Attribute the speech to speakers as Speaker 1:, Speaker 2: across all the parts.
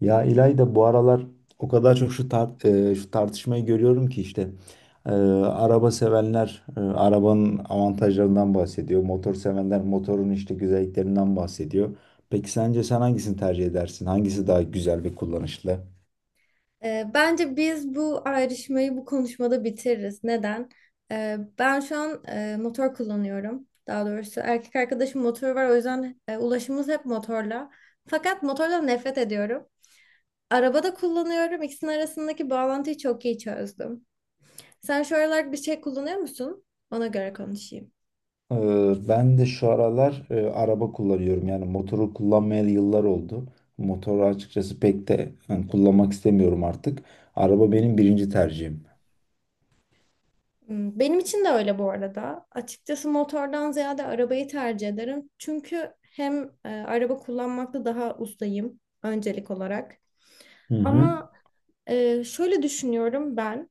Speaker 1: Ya İlayda bu aralar o kadar çok şu tartışmayı görüyorum ki araba sevenler arabanın avantajlarından bahsediyor. Motor sevenler motorun işte güzelliklerinden bahsediyor. Peki sence sen hangisini tercih edersin? Hangisi daha güzel ve kullanışlı?
Speaker 2: Bence biz bu ayrışmayı bu konuşmada bitiririz. Neden? Ben şu an motor kullanıyorum. Daha doğrusu erkek arkadaşım motoru var. O yüzden ulaşımımız hep motorla. Fakat motordan nefret ediyorum. Arabada kullanıyorum. İkisinin arasındaki bağlantıyı çok iyi çözdüm. Sen şu aralar bir şey kullanıyor musun? Ona göre konuşayım.
Speaker 1: Ben de şu aralar araba kullanıyorum. Yani motoru kullanmayalı yıllar oldu. Motoru açıkçası pek de yani kullanmak istemiyorum artık. Araba benim birinci tercihim.
Speaker 2: Benim için de öyle bu arada. Açıkçası motordan ziyade arabayı tercih ederim. Çünkü hem araba kullanmakta daha ustayım öncelik olarak.
Speaker 1: Hı hı.
Speaker 2: Ama şöyle düşünüyorum ben.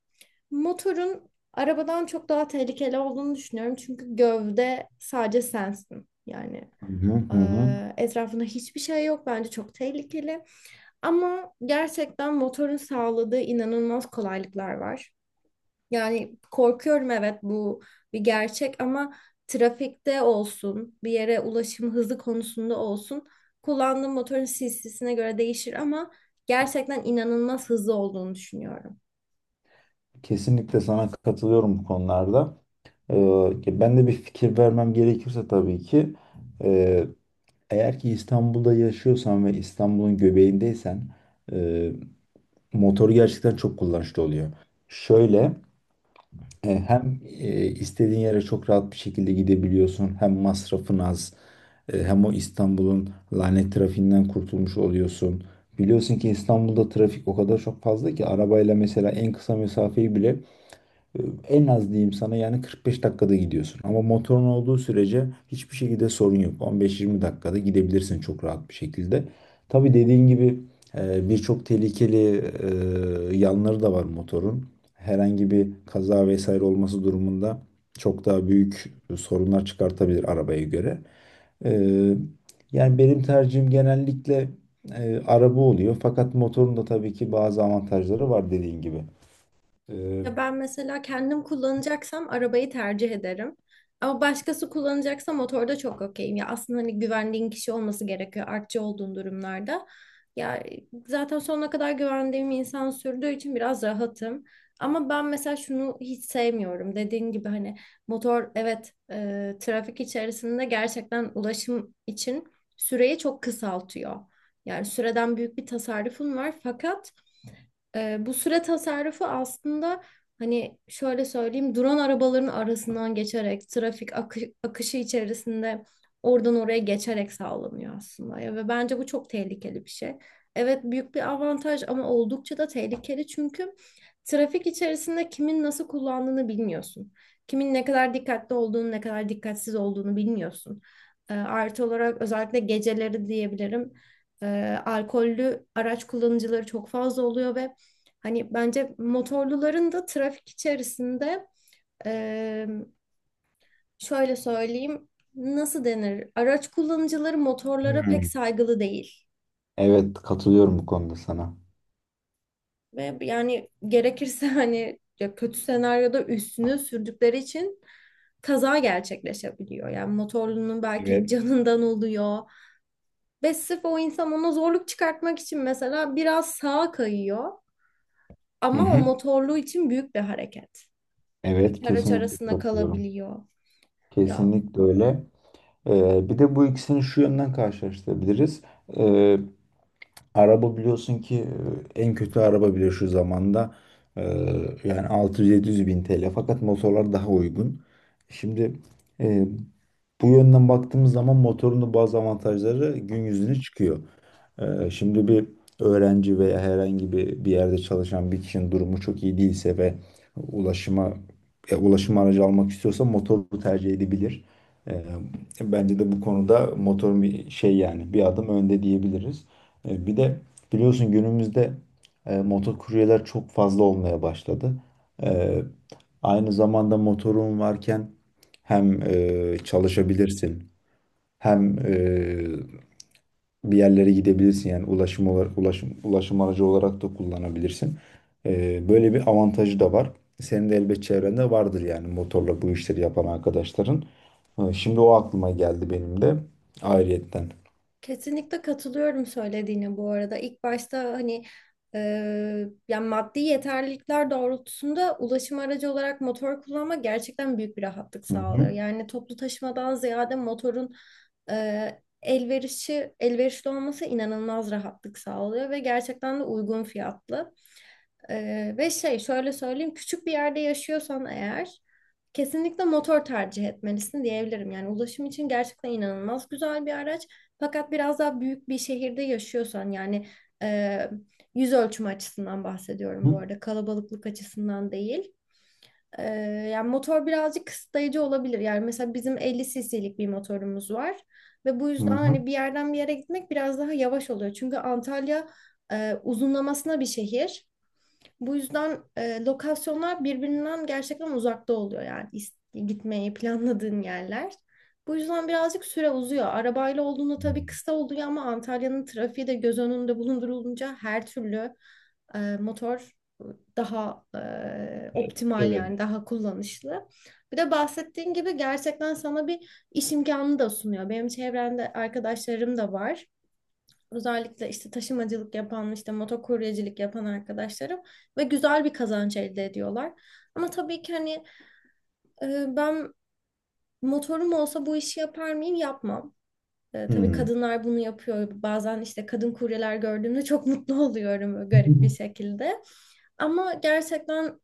Speaker 2: Motorun arabadan çok daha tehlikeli olduğunu düşünüyorum. Çünkü gövde sadece sensin. Yani
Speaker 1: Hı hı hı hı.
Speaker 2: etrafında hiçbir şey yok. Bence çok tehlikeli. Ama gerçekten motorun sağladığı inanılmaz kolaylıklar var. Yani korkuyorum, evet, bu bir gerçek ama trafikte olsun, bir yere ulaşım hızı konusunda olsun, kullandığım motorun cc'sine göre değişir ama gerçekten inanılmaz hızlı olduğunu düşünüyorum.
Speaker 1: Kesinlikle sana katılıyorum bu konularda. Ben de bir fikir vermem gerekirse tabii ki e, eğer ki İstanbul'da yaşıyorsan ve İstanbul'un göbeğindeysen e, motoru gerçekten çok kullanışlı oluyor. Şöyle, hem istediğin yere çok rahat bir şekilde gidebiliyorsun, hem masrafın az, hem o İstanbul'un lanet trafiğinden kurtulmuş oluyorsun. Biliyorsun ki İstanbul'da trafik o kadar çok fazla ki arabayla mesela en kısa mesafeyi bile, en az diyeyim sana yani 45 dakikada gidiyorsun. Ama motorun olduğu sürece hiçbir şekilde sorun yok. 15-20 dakikada gidebilirsin çok rahat bir şekilde. Tabii dediğin gibi, birçok tehlikeli yanları da var motorun. Herhangi bir kaza vesaire olması durumunda çok daha büyük sorunlar çıkartabilir arabaya göre. E, Yani benim tercihim genellikle araba oluyor. Fakat motorun da tabii ki bazı avantajları var dediğin gibi. E,
Speaker 2: Ya ben mesela kendim kullanacaksam arabayı tercih ederim. Ama başkası kullanacaksa motorda çok okeyim. Ya aslında hani güvendiğin kişi olması gerekiyor artçı olduğun durumlarda. Ya zaten sonuna kadar güvendiğim insan sürdüğü için biraz rahatım. Ama ben mesela şunu hiç sevmiyorum. Dediğin gibi hani motor evet, trafik içerisinde gerçekten ulaşım için süreyi çok kısaltıyor. Yani süreden büyük bir tasarrufun var fakat bu süre tasarrufu aslında, hani şöyle söyleyeyim, drone arabaların arasından geçerek trafik akışı içerisinde oradan oraya geçerek sağlanıyor aslında ya, ve bence bu çok tehlikeli bir şey. Evet, büyük bir avantaj ama oldukça da tehlikeli, çünkü trafik içerisinde kimin nasıl kullandığını bilmiyorsun. Kimin ne kadar dikkatli olduğunu, ne kadar dikkatsiz olduğunu bilmiyorsun. Artı olarak özellikle geceleri diyebilirim. Alkollü araç kullanıcıları çok fazla oluyor ve hani bence motorluların da trafik içerisinde eee, şöyle söyleyeyim, nasıl denir? Araç kullanıcıları motorlara pek
Speaker 1: Hmm.
Speaker 2: saygılı değil.
Speaker 1: Evet, katılıyorum bu konuda sana.
Speaker 2: Ve yani gerekirse hani ya kötü senaryoda üstünü sürdükleri için kaza gerçekleşebiliyor. Yani motorlunun belki
Speaker 1: Evet.
Speaker 2: canından oluyor. Ve sırf o insan ona zorluk çıkartmak için mesela biraz sağa kayıyor.
Speaker 1: Hı
Speaker 2: Ama o
Speaker 1: hı.
Speaker 2: motorlu için büyük bir hareket.
Speaker 1: Evet,
Speaker 2: İki araç
Speaker 1: kesinlikle
Speaker 2: arasında
Speaker 1: katılıyorum.
Speaker 2: kalabiliyor. Ya,
Speaker 1: Kesinlikle öyle. Bir de bu ikisini şu yönden karşılaştırabiliriz. Ee, Araba biliyorsun ki, en kötü araba bile şu zamanda e, yani altı yüz yedi yüz bin TL. Fakat motorlar daha uygun. Şimdi e, bu yönden baktığımız zaman motorun da bazı avantajları gün yüzüne çıkıyor. Şimdi bir öğrenci veya herhangi bir yerde çalışan bir kişinin durumu çok iyi değilse ve ulaşıma ulaşım aracı almak istiyorsa motoru tercih edebilir. Ee, Bence de bu konuda motorun bir şey yani bir adım önde diyebiliriz. Bir de biliyorsun günümüzde motor kuryeler çok fazla olmaya başladı. Ee, Aynı zamanda motorun varken hem çalışabilirsin hem bir yerlere gidebilirsin, yani ulaşım olarak ulaşım aracı olarak da kullanabilirsin. Böyle bir avantajı da var. Senin de elbet çevrende vardır yani motorla bu işleri yapan arkadaşların. Şimdi o aklıma geldi benim de ayrıyetten.
Speaker 2: kesinlikle katılıyorum söylediğine bu arada. İlk başta hani e, yani maddi yeterlilikler doğrultusunda ulaşım aracı olarak motor kullanmak gerçekten büyük bir rahatlık
Speaker 1: Hı
Speaker 2: sağlıyor.
Speaker 1: hı.
Speaker 2: Yani toplu taşımadan ziyade motorun elverişli olması inanılmaz rahatlık sağlıyor ve gerçekten de uygun fiyatlı. Ve şey şöyle söyleyeyim, küçük bir yerde yaşıyorsan eğer kesinlikle motor tercih etmelisin diyebilirim. Yani ulaşım için gerçekten inanılmaz güzel bir araç. Fakat biraz daha büyük bir şehirde yaşıyorsan, yani e, yüz ölçümü açısından bahsediyorum bu
Speaker 1: Hı
Speaker 2: arada, kalabalıklık açısından değil. E, Yani motor birazcık kısıtlayıcı olabilir. Yani mesela bizim 50 cc'lik bir motorumuz var ve bu
Speaker 1: hı.
Speaker 2: yüzden
Speaker 1: Hı
Speaker 2: hani bir yerden bir yere gitmek biraz daha yavaş oluyor. Çünkü Antalya uzunlamasına bir şehir. Bu yüzden lokasyonlar birbirinden gerçekten uzakta oluyor, yani gitmeyi planladığın yerler. Bu yüzden birazcık süre uzuyor. Arabayla olduğunda tabii
Speaker 1: hı.
Speaker 2: kısa oluyor ama Antalya'nın trafiği de göz önünde bulundurulunca her türlü motor daha optimal,
Speaker 1: Evet.
Speaker 2: yani daha kullanışlı. Bir de bahsettiğin gibi gerçekten sana bir iş imkanı da sunuyor. Benim çevremde arkadaşlarım da var, özellikle işte taşımacılık yapan, işte motokuryecilik yapan arkadaşlarım, ve güzel bir kazanç elde ediyorlar. Ama tabii ki hani, ben motorum olsa bu işi yapar mıyım? Yapmam. Tabii
Speaker 1: Hmm.
Speaker 2: kadınlar bunu yapıyor. Bazen işte kadın kuryeler gördüğümde çok mutlu oluyorum böyle garip bir şekilde. Ama gerçekten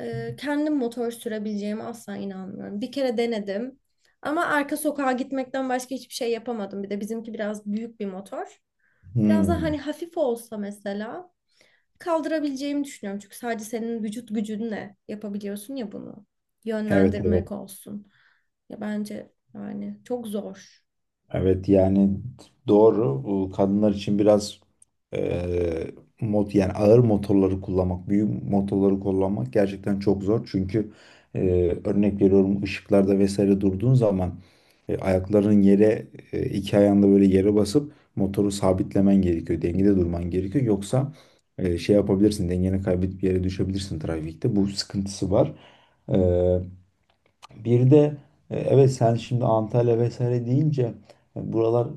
Speaker 2: kendim motor sürebileceğime asla inanmıyorum. Bir kere denedim. Ama arka sokağa gitmekten başka hiçbir şey yapamadım. Bir de bizimki biraz büyük bir motor. Biraz daha
Speaker 1: Hmm.
Speaker 2: hani hafif olsa mesela kaldırabileceğimi düşünüyorum. Çünkü sadece senin vücut gücünle yapabiliyorsun ya bunu.
Speaker 1: Evet, evet.
Speaker 2: Yönlendirmek olsun. Ya bence yani çok zor.
Speaker 1: Evet yani doğru. Bu kadınlar için biraz eee mot yani ağır motorları kullanmak, büyük motorları kullanmak gerçekten çok zor. Çünkü, örnek veriyorum, ışıklarda vesaire durduğun zaman, ayakların yere, iki ayağında böyle yere basıp motoru sabitlemen gerekiyor. Dengede durman gerekiyor. Yoksa şey yapabilirsin, dengeni kaybedip yere düşebilirsin trafikte. Bu sıkıntısı var. E, bir de, evet sen şimdi Antalya vesaire deyince, buralar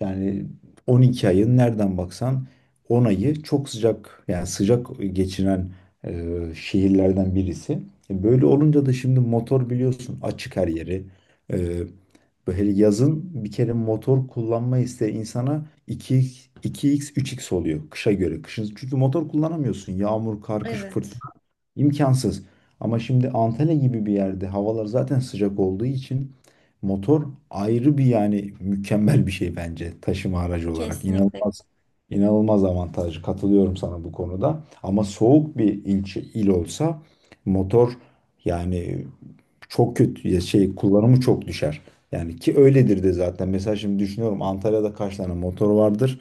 Speaker 1: yani 12 ayın nereden baksan 10 ayı çok sıcak, yani sıcak geçiren şehirlerden birisi. Böyle olunca da şimdi motor, biliyorsun, açık her yeri. E, Böyle yazın bir kere motor kullanma isteği insana 2x, 3x oluyor kışa göre. Kışın çünkü motor kullanamıyorsun. Yağmur, kar, kış,
Speaker 2: Evet.
Speaker 1: fırtına imkansız. Ama şimdi Antalya gibi bir yerde havalar zaten sıcak olduğu için motor ayrı bir yani mükemmel bir şey bence taşıma aracı olarak.
Speaker 2: Kesinlikle.
Speaker 1: İnanılmaz avantajlı. Katılıyorum sana bu konuda. Ama soğuk bir ilçe il olsa motor yani çok kötü ya şey kullanımı çok düşer. Yani ki öyledir de zaten. Mesela şimdi düşünüyorum, Antalya'da kaç tane motor vardır?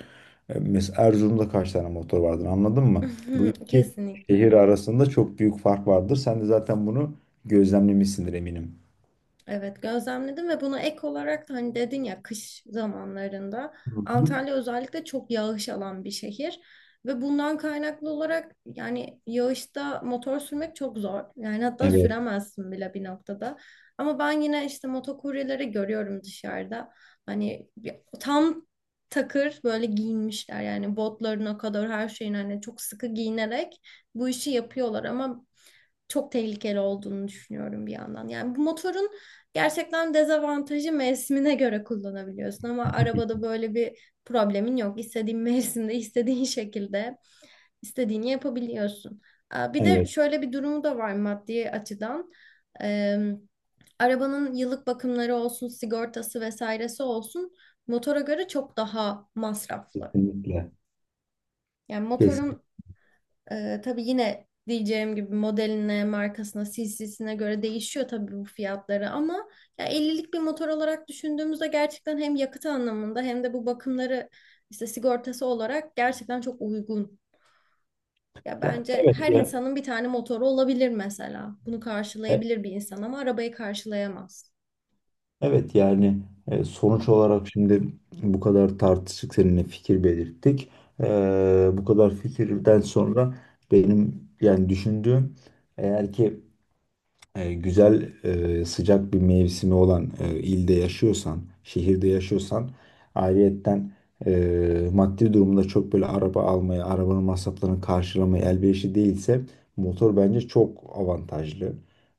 Speaker 1: Mesela Erzurum'da kaç tane motor vardır, anladın mı? Bu iki şehir
Speaker 2: Kesinlikle.
Speaker 1: arasında çok büyük fark vardır. Sen de zaten bunu gözlemlemişsindir eminim.
Speaker 2: Evet, gözlemledim, ve buna ek olarak da hani dedin ya, kış zamanlarında
Speaker 1: Hı hı.
Speaker 2: Antalya özellikle çok yağış alan bir şehir ve bundan kaynaklı olarak yani yağışta motor sürmek çok zor. Yani hatta
Speaker 1: Evet.
Speaker 2: süremezsin bile bir noktada. Ama ben yine işte motokuryeleri görüyorum dışarıda. Hani tam takır böyle giyinmişler, yani botlarına kadar her şeyin, hani çok sıkı giyinerek bu işi yapıyorlar, ama çok tehlikeli olduğunu düşünüyorum bir yandan. Yani bu motorun gerçekten dezavantajı, mevsimine göre kullanabiliyorsun, ama arabada böyle bir problemin yok. İstediğin mevsimde, istediğin şekilde istediğini yapabiliyorsun. Bir de
Speaker 1: Evet,
Speaker 2: şöyle bir durumu da var maddi açıdan. Ee, Arabanın yıllık bakımları olsun, sigortası vesairesi olsun, motora göre çok daha masraflı.
Speaker 1: kesinlikle.
Speaker 2: Yani
Speaker 1: Kesinlikle.
Speaker 2: motorun tabii yine diyeceğim gibi modeline, markasına, cc'sine göre değişiyor tabii bu fiyatları, ama ya 50'lik bir motor olarak düşündüğümüzde gerçekten hem yakıt anlamında hem de bu bakımları işte sigortası olarak gerçekten çok uygun. Ya
Speaker 1: Ya,
Speaker 2: bence
Speaker 1: evet
Speaker 2: her
Speaker 1: ya.
Speaker 2: insanın bir tane motoru olabilir mesela. Bunu karşılayabilir bir insan ama arabayı karşılayamaz.
Speaker 1: Evet yani, sonuç olarak şimdi bu kadar tartıştık seninle, fikir belirttik. E, Bu kadar fikirden sonra benim yani düşündüğüm, eğer ki e, güzel sıcak bir mevsimi olan ilde yaşıyorsan, şehirde yaşıyorsan, ayrıyetten, maddi durumda çok böyle araba almaya, arabanın masraflarını karşılamaya elverişli değilse motor bence çok avantajlı.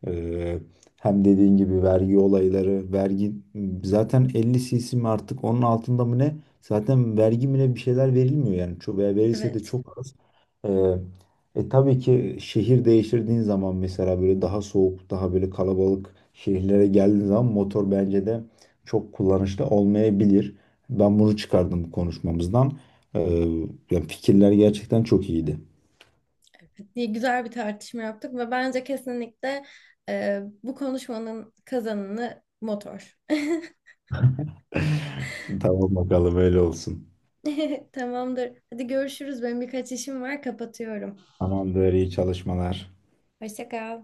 Speaker 1: E, Hem dediğin gibi vergi olayları, vergi zaten 50 cc mi artık onun altında mı ne? Zaten vergi mi ne bir şeyler verilmiyor yani. Çok, veya verilse de
Speaker 2: Evet,
Speaker 1: çok az. E, tabii ki şehir değiştirdiğin zaman mesela böyle daha soğuk, daha böyle kalabalık şehirlere geldiğin zaman motor bence de çok kullanışlı olmayabilir. Ben bunu çıkardım konuşmamızdan. Ee, Yani fikirler gerçekten çok iyiydi.
Speaker 2: diye güzel bir tartışma yaptık ve bence kesinlikle bu konuşmanın kazananı motor.
Speaker 1: Tamam, bakalım öyle olsun.
Speaker 2: Tamamdır. Hadi görüşürüz. Benim birkaç işim var, kapatıyorum.
Speaker 1: Tamamdır, iyi çalışmalar.
Speaker 2: Hoşça kal.